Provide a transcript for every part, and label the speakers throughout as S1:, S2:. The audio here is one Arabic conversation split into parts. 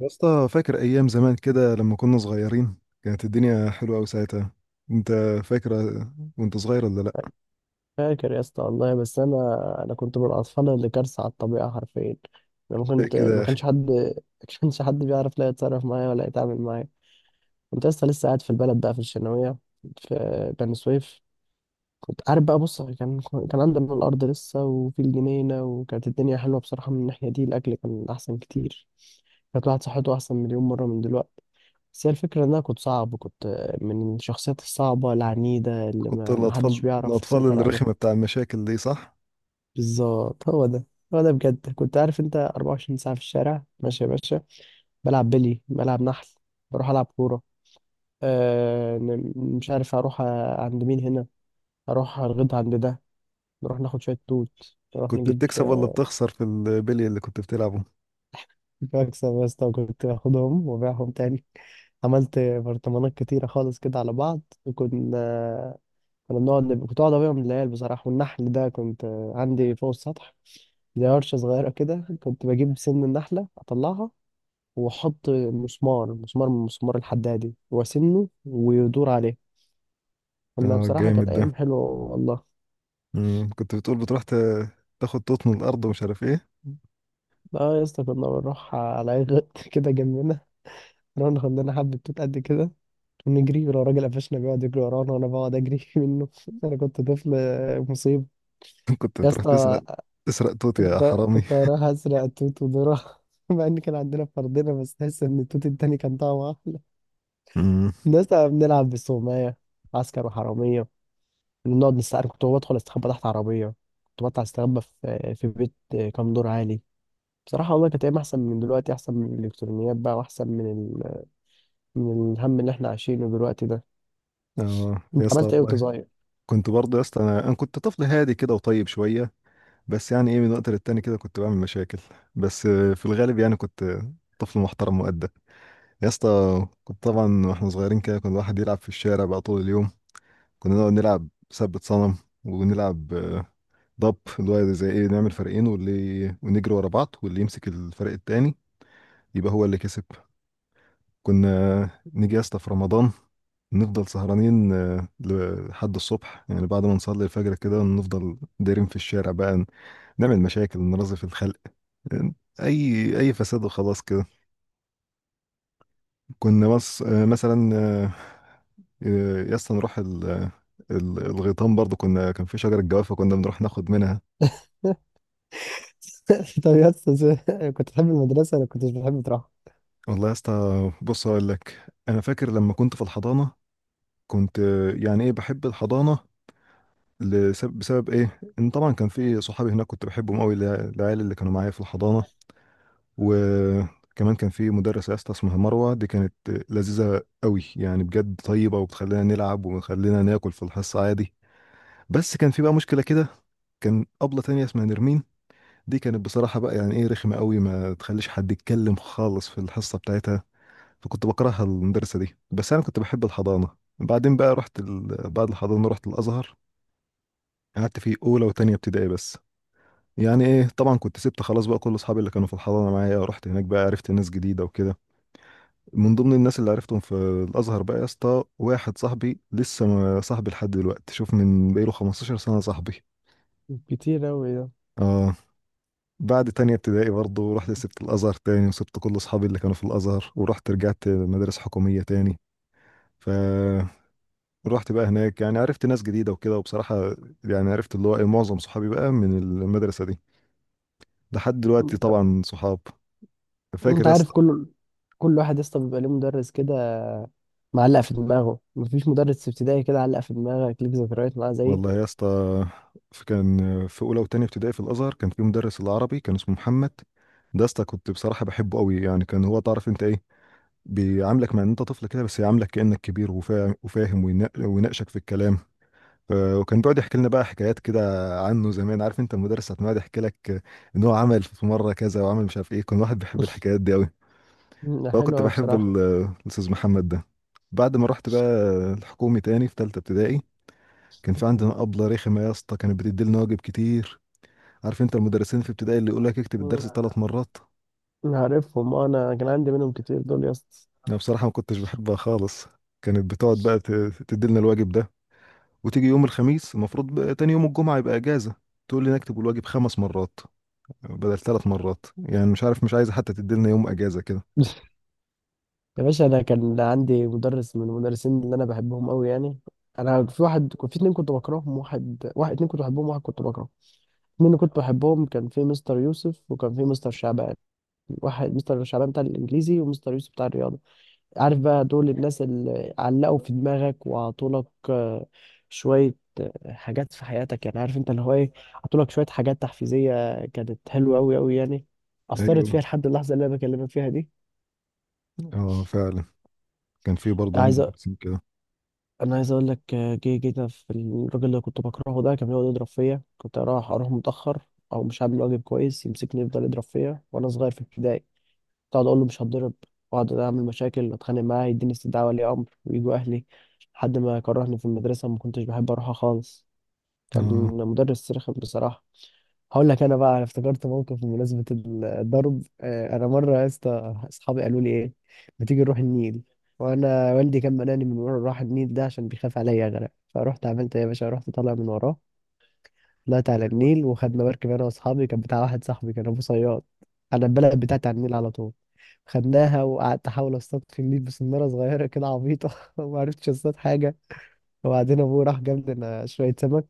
S1: يا اسطى فاكر ايام زمان كده لما كنا صغيرين. كانت الدنيا حلوه قوي ساعتها. انت فاكر وانت صغير ولا لا؟
S2: فاكر يا اسطى والله، بس انا كنت من الاطفال اللي كارثه على الطبيعه حرفيا. انا
S1: فاكر كده
S2: ما
S1: يا اخي.
S2: كانش حد ما كانش حد بيعرف لا يتصرف معايا ولا يتعامل معايا. كنت لسه قاعد في البلد بقى، في الشناويه، في بني سويف. كنت عارف بقى، بص، كان عندنا الارض لسه، وفي الجنينه، وكانت الدنيا حلوه بصراحه من الناحيه دي. الاكل كان احسن كتير، كانت الواحد صحته احسن مليون مره من دلوقتي. بس هي الفكره ان انا كنت صعب، كنت من الشخصيات الصعبه العنيده اللي
S1: كنت
S2: ما حدش
S1: الاطفال
S2: بيعرف
S1: الاطفال
S2: يسيطر عليها.
S1: الرخمه بتاع المشاكل دي صح؟
S2: بالظبط، هو ده. بجد كنت عارف انت؟ 24 ساعة في الشارع ماشي يا باشا، بلعب بلي، بلعب نحل، بروح ألعب كورة. آه، مش عارف أروح، عند مين هنا؟ أروح أرغد عند ده، نروح ناخد شوية توت، نروح
S1: كنت
S2: نجيب
S1: بتكسب ولا
S2: آه،
S1: بتخسر في البلي اللي كنت بتلعبه؟
S2: بكسب يا اسطى، وكنت باخدهم وبيعهم تاني. عملت برطمانات كتيرة خالص كده على بعض، وكنا، كنت أقعد أبيعهم للعيال بصراحة. والنحل ده كنت عندي فوق السطح، زي ورشة صغيرة كده. كنت بجيب سن النحلة أطلعها، وحط مسمار من المسمار الحدادي، وسنه، ويدور عليه. كنا
S1: اه
S2: بصراحة كانت
S1: الجامد ده.
S2: أيام حلوة والله.
S1: كنت بتقول بتروح تاخد توت من الارض ومش عارف ايه.
S2: اه يا اسطى، كنا بنروح على أي غط كده جنبنا، نروح ناخد لنا حبة توت قد كده، ونجري. ولو راجل قفشنا بيقعد يجري ورانا، وأنا بقعد أجري منه. أنا كنت طفل مصيب.
S1: كنت
S2: يا
S1: بتروح تسرق
S2: اسطى،
S1: تسرق توت يا
S2: كنت
S1: حرامي.
S2: كنت هروح أسرق التوت ودورة، مع إن كان عندنا فردنا، بس تحس إن التوت التاني كان طعمه أحلى.
S1: مم.
S2: الناس بنلعب بالسومية، عسكر وحرامية، نقعد نستخبى. كنت بدخل استخبى تحت عربية، كنت بطلع استخبى في بيت كام دور عالي. بصراحة والله كانت أيام أحسن من دلوقتي، أحسن من الإلكترونيات بقى، وأحسن من من الهم اللي إحنا عايشينه دلوقتي ده.
S1: اه يا
S2: أنت
S1: اسطى
S2: عملت إيه وأنت
S1: والله.
S2: صغير؟
S1: كنت برضه يا اسطى انا كنت طفل هادي كده وطيب شويه. بس يعني ايه، من وقت للتاني كده كنت بعمل مشاكل. بس في الغالب يعني كنت طفل محترم مؤدب. يا اسطى كنت طبعا واحنا صغيرين كده، كنا الواحد يلعب في الشارع بقى طول اليوم. كنا نقعد نلعب ثبت صنم، ونلعب ضب، اللي هو زي ايه، نعمل فريقين واللي ونجري ورا بعض واللي يمسك الفريق التاني يبقى هو اللي كسب. كنا نيجي يا اسطى في رمضان نفضل سهرانين لحد الصبح، يعني بعد ما نصلي الفجر كده نفضل دايرين في الشارع بقى. نعمل مشاكل، نرازي في الخلق، اي فساد وخلاص كده. كنا بس مثلا يا اسطى نروح الغيطان برضو. كنا كان في شجره جوافه كنا بنروح ناخد منها.
S2: طب يا أستاذ، كنت بتحب المدرسة ولا كنتش بتحب تروح؟
S1: والله يا اسطى، بص اقول لك، انا فاكر لما كنت في الحضانه كنت يعني ايه بحب الحضانه. لسبب، بسبب ايه؟ ان طبعا كان في صحابي هناك كنت بحبهم قوي، العيال اللي كانوا معايا في الحضانه. وكمان كان في مدرسه يا اسطى اسمها مروه، دي كانت لذيذه قوي، يعني بجد طيبه وبتخلينا نلعب وبتخلينا ناكل في الحصه عادي. بس كان في بقى مشكلة كده. كان أبلة تانية اسمها نرمين، دي كانت بصراحة بقى يعني إيه رخمة قوي، ما تخليش حد يتكلم خالص في الحصة بتاعتها. فكنت بكرهها المدرسة دي. بس أنا كنت بحب الحضانة. بعدين بقى رحت بعد الحضانة رحت الأزهر. قعدت فيه أولى وتانية ابتدائي بس. يعني إيه طبعا كنت سبت خلاص بقى كل أصحابي اللي كانوا في الحضانة معايا، ورحت هناك بقى عرفت ناس جديدة وكده. من ضمن الناس اللي عرفتهم في الأزهر بقى يا اسطى واحد صاحبي لسه صاحبي لحد دلوقتي، شوف، من بقاله 15 سنة صاحبي.
S2: كتير أوي ده.
S1: اه. بعد تانية ابتدائي برضه رحت، سبت الأزهر تاني وسبت كل أصحابي اللي كانوا في الأزهر، ورحت رجعت مدارس حكومية تاني. فرحت بقى هناك، يعني عرفت ناس جديدة وكده. وبصراحة يعني عرفت اللي هو إيه، معظم صحابي بقى من المدرسة دي لحد دلوقتي
S2: أنت
S1: طبعا، صحاب. فاكر
S2: أنت
S1: يا
S2: عارف،
S1: اسطى؟
S2: كل واحد يا اسطى بيبقى ليه مدرس كده معلق في دماغه. مفيش مدرس في ابتدائي كده علق في دماغك ليك ذكريات معاه زيي؟
S1: والله يا اسطى، كان في أولى وتانية ابتدائي في الأزهر كان في مدرس العربي كان اسمه محمد. ده يا اسطى كنت بصراحة بحبه قوي، يعني كان هو تعرف انت ايه، بيعاملك مع ان انت طفل كده بس يعاملك كأنك كبير وفاهم ويناقشك في الكلام. وكان بيقعد يحكي لنا بقى حكايات كده عنه زمان، عارف انت المدرس ساعة ما يقعد يحكي لك ان هو عمل في مره كذا وعمل مش عارف ايه، كان واحد بيحب الحكايات دي قوي. فانا
S2: حلو
S1: كنت
S2: أوي
S1: بحب
S2: بصراحة.
S1: الاستاذ محمد ده. بعد ما رحت بقى الحكومي تاني في تالتة ابتدائي، كان في عندنا أبلة رخمة يا اسطى كانت بتدي لنا واجب كتير. عارف انت المدرسين في ابتدائي اللي يقول لك اكتب الدرس ثلاث
S2: مم.
S1: مرات؟
S2: عارفهم، انا كان عندي منهم كتير دول يا اسطى.
S1: انا بصراحة ما كنتش بحبها خالص. كانت بتقعد بقى تدي لنا الواجب ده، وتيجي يوم الخميس المفروض بقى تاني يوم الجمعة يبقى اجازة، تقول لي نكتب الواجب خمس مرات بدل ثلاث مرات، يعني مش عارف مش عايزه حتى تديلنا يوم اجازه كده.
S2: يا باشا، انا كان عندي مدرس من المدرسين اللي انا بحبهم قوي، يعني انا في واحد في اتنين كنت بكرههم. واحد اتنين كنت بحبهم، واحد كنت بكرهه. اتنين اللي كنت بحبهم كان في مستر يوسف وكان في مستر شعبان. واحد مستر شعبان بتاع الانجليزي، ومستر يوسف بتاع الرياضه. عارف بقى دول الناس اللي علقوا في دماغك وعطولك آه، شوية حاجات في حياتك، يعني عارف انت اللي هو ايه. عطولك شوية حاجات تحفيزية، كانت حلوة أوي أوي يعني، أثرت
S1: ايوه.
S2: فيها لحد اللحظة اللي أنا بكلمك فيها دي.
S1: اه فعلا، كان في برضه عندي
S2: عايز أ...
S1: مدرسين كده.
S2: أنا عايز أقول لك، جينا في الراجل اللي كنت بكرهه ده. كان بيقعد يضرب فيا، كنت أروح متأخر أو مش عامل واجب كويس، يمسكني يفضل يضرب فيا وأنا صغير في ابتدائي. كنت اقعد اقول له مش هتضرب، واقعد اعمل مشاكل، اتخانق معاه، يديني استدعاء ولي امر، ويجوا اهلي لحد ما كرهني في المدرسه. ما كنتش بحب اروحها خالص، كان
S1: اه.
S2: مدرس رخم بصراحه. هقول لك انا بقى، أنا افتكرت موقف بمناسبه الضرب. انا مره يا اسطى اصحابي قالوا لي ايه، ما تيجي نروح النيل. وانا والدي كان مناني من ورا، راح النيل ده عشان بيخاف عليا اغرق. فرحت عملت إيه يا باشا، رحت طالع من وراه، طلعت على
S1: ايوه.
S2: النيل وخدنا مركب انا واصحابي، كان بتاع واحد صاحبي كان ابو صياد. انا البلد بتاعتي على النيل على طول. خدناها وقعدت احاول اصطاد في النيل بسناره صغيره كده عبيطه، وما عرفتش اصطاد حاجه. وبعدين ابوه راح جاب لنا شويه سمك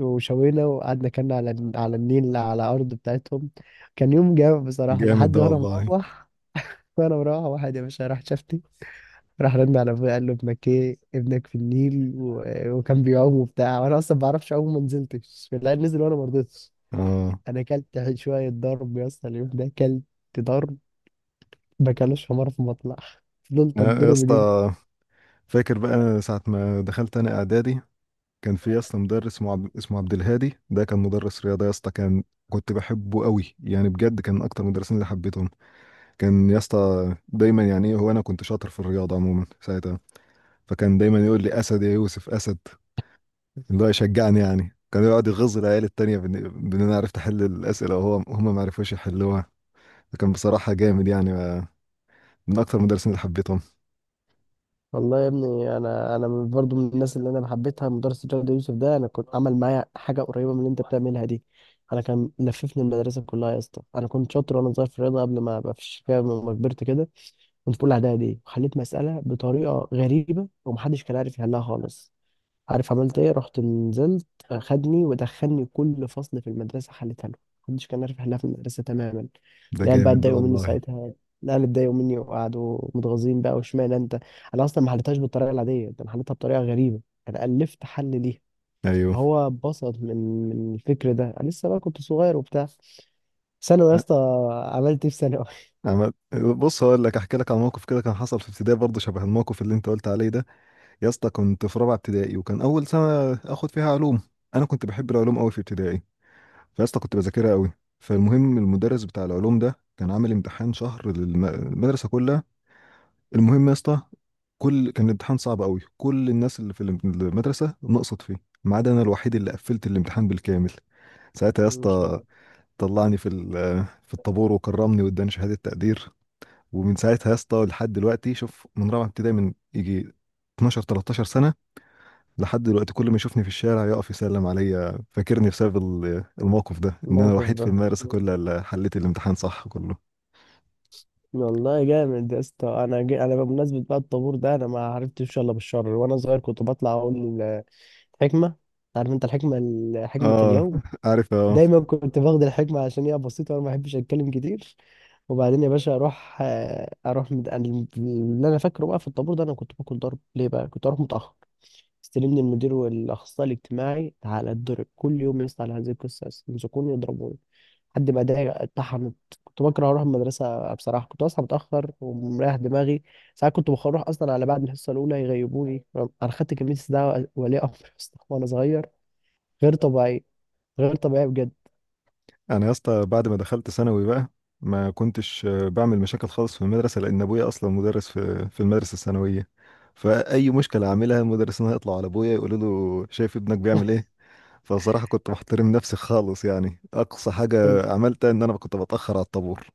S2: وشوينا، وقعدنا كنا على على النيل على الارض بتاعتهم. كان يوم جامد بصراحه،
S1: جامد
S2: لحد
S1: ده
S2: وانا
S1: والله.
S2: مروح. واحد يا باشا راح شافني، راح رن على ابويا قال له ابنك ايه، ابنك في النيل. وكان بيعوم وبتاع، وانا اصلا ما بعرفش اعوم، ما نزلتش، لا نزل وانا ما رضيتش.
S1: اه.
S2: انا اكلت شويه ضرب يا اسطى، اليوم ده اكلت ضرب، ما كانوش حمار في مطلع، فضلت
S1: آه، يا
S2: اتضرب اليوم.
S1: اسطى فاكر بقى أنا ساعه ما دخلت انا اعدادي كان في يا اسطى مدرس اسمه عبد، اسمه عبد الهادي، ده كان مدرس رياضه يا اسطى. كان كنت بحبه قوي، يعني بجد كان اكتر مدرسين اللي حبيتهم. كان يا اسطى دايما يعني إيه، هو انا كنت شاطر في الرياضه عموما ساعتها، فكان دايما يقول لي اسد يا يوسف اسد، اللي هو يشجعني يعني. كان يقعد يغز العيال التانية بإن أنا عرفت أحل الأسئلة وهو هم ما عرفوش يحلوها. فكان بصراحة جامد، يعني من أكتر المدرسين اللي حبيتهم.
S2: والله يا ابني، انا برضو من الناس اللي انا حبيتها مدرس الرياضه يوسف ده. انا كنت عمل معايا حاجه قريبه من اللي انت بتعملها دي. انا كان لففني المدرسه كلها يا اسطى، انا كنت شاطر وانا صغير في الرياضه قبل ما ابقى في الشكايه لما كبرت كده. كنت في اولى اعدادي، وحليت مساله بطريقه غريبه ومحدش كان عارف يحلها خالص. عارف عملت ايه، رحت نزلت، خدني ودخلني كل فصل في المدرسه حلتها له، محدش كان عارف يحلها في المدرسه تماما.
S1: ده
S2: العيال بقى
S1: جامد ده
S2: اتضايقوا مني
S1: والله.
S2: ساعتها، العيال اتضايقوا مني وقعدوا متغاظين بقى، واشمعنى انت. انا اصلا ما حلتهاش بالطريقه العاديه، ده انا حلتها بطريقه غريبه، انا الفت حل ليها.
S1: أيوه.
S2: فهو اتبسط من الفكر ده. انا لسه بقى كنت صغير وبتاع. ثانوي يا
S1: أ-
S2: اسطى، عملت ايه في ثانوي؟
S1: عمل، بص هقول لك، أحكي لك على موقف كده كان حصل في ابتدائي برضه شبه الموقف اللي أنت قلت عليه ده. يا اسطى كنت في رابعة ابتدائي وكان أول سنة آخد فيها علوم. أنا كنت بحب العلوم أوي في ابتدائي، فيا اسطى كنت بذاكرها أوي. فالمهم المدرس بتاع العلوم ده كان عامل امتحان شهر للمدرسة كلها. المهم يا اسطى، كان الامتحان صعب قوي، كل الناس اللي في المدرسه نقصت فيه، ما عدا انا الوحيد اللي قفلت الامتحان بالكامل. ساعتها يا
S2: مش
S1: اسطى
S2: فاكر
S1: طلعني في في الطابور وكرمني واداني شهاده تقدير. ومن ساعتها يا اسطى لحد دلوقتي، شوف، من رابعه ابتدائي، من يجي 12 13 سنه، لحد دلوقتي كل ما يشوفني في الشارع يقف يسلم عليا فاكرني بسبب الموقف ده، ان انا
S2: الموقف
S1: الوحيد في
S2: ده
S1: المدرسه كلها اللي حليت الامتحان صح كله.
S2: والله. جامد يا اسطى. انا انا بمناسبه بقى الطابور ده، انا ما عرفتش الا بالشر. وانا صغير كنت بطلع اقول حكمه. عارف انت الحكمه، حكمه
S1: اه
S2: اليوم.
S1: عارف. آه.
S2: دايما كنت باخد الحكمه عشان هي بسيطه وانا ما بحبش اتكلم كتير. وبعدين يا باشا اروح، أنا اللي انا فاكره بقى في الطابور ده، انا كنت باكل ضرب ليه، بقى كنت اروح متاخر. استلمني المدير والاخصائي الاجتماعي، تعالى اتضرب كل يوم يسطا، على هذه القصه يمسكوني يضربوني لحد ما ده اتطحنت. كنت بكره اروح المدرسه بصراحه، كنت اصحى متاخر ومريح دماغي. ساعات كنت بروح اصلا على بعد الحصه الاولى يغيبوني. انا خدت كميه استدعاء ولي امر أصلاً وانا صغير، غير طبيعي، غير طبيعي بجد.
S1: انا يا اسطى بعد ما دخلت ثانوي بقى ما كنتش بعمل مشاكل خالص في المدرسه لان ابويا اصلا مدرس في المدرسه الثانويه. فاي مشكله اعملها المدرسين هيطلعوا على ابويا يقولوا له شايف ابنك بيعمل ايه. فصراحه كنت محترم نفسي خالص، يعني اقصى
S2: تق-
S1: حاجه عملتها ان انا كنت بتاخر على الطابور.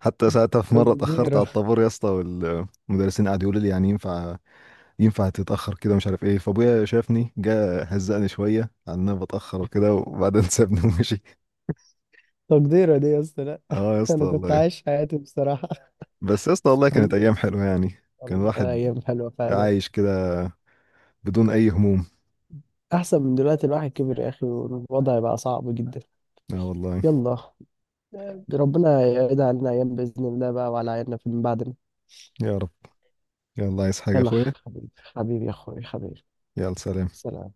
S1: حتى ساعتها في مره اتاخرت على
S2: تقديره
S1: الطابور يا اسطى والمدرسين قعدوا يقولوا لي يعني ينفع تتاخر كده مش عارف ايه، فابويا شافني جه هزقني شويه على ان انا بتاخر وكده وبعدين سابني ومشي.
S2: تقديره دي يا اسطى لا.
S1: اه يا اسطى
S2: انا كنت
S1: والله.
S2: عايش حياتي بصراحه.
S1: بس يا اسطى والله كانت ايام حلوه يعني. كان
S2: والله
S1: الواحد
S2: ايام حلوه فعلا.
S1: عايش كده بدون اي هموم.
S2: احسن من دلوقتي، الواحد كبر يا اخي، والوضع بقى صعب جدا.
S1: اه والله.
S2: يلا، ربنا يعيد علينا أيام بإذن الله بقى، وعلى عيالنا في من بعدنا.
S1: يا رب. يلا عايز حاجه يا
S2: يلا
S1: اخويا؟
S2: حبيبي، حبيبي يا أخوي، حبيبي،
S1: يلا سلام.
S2: سلام.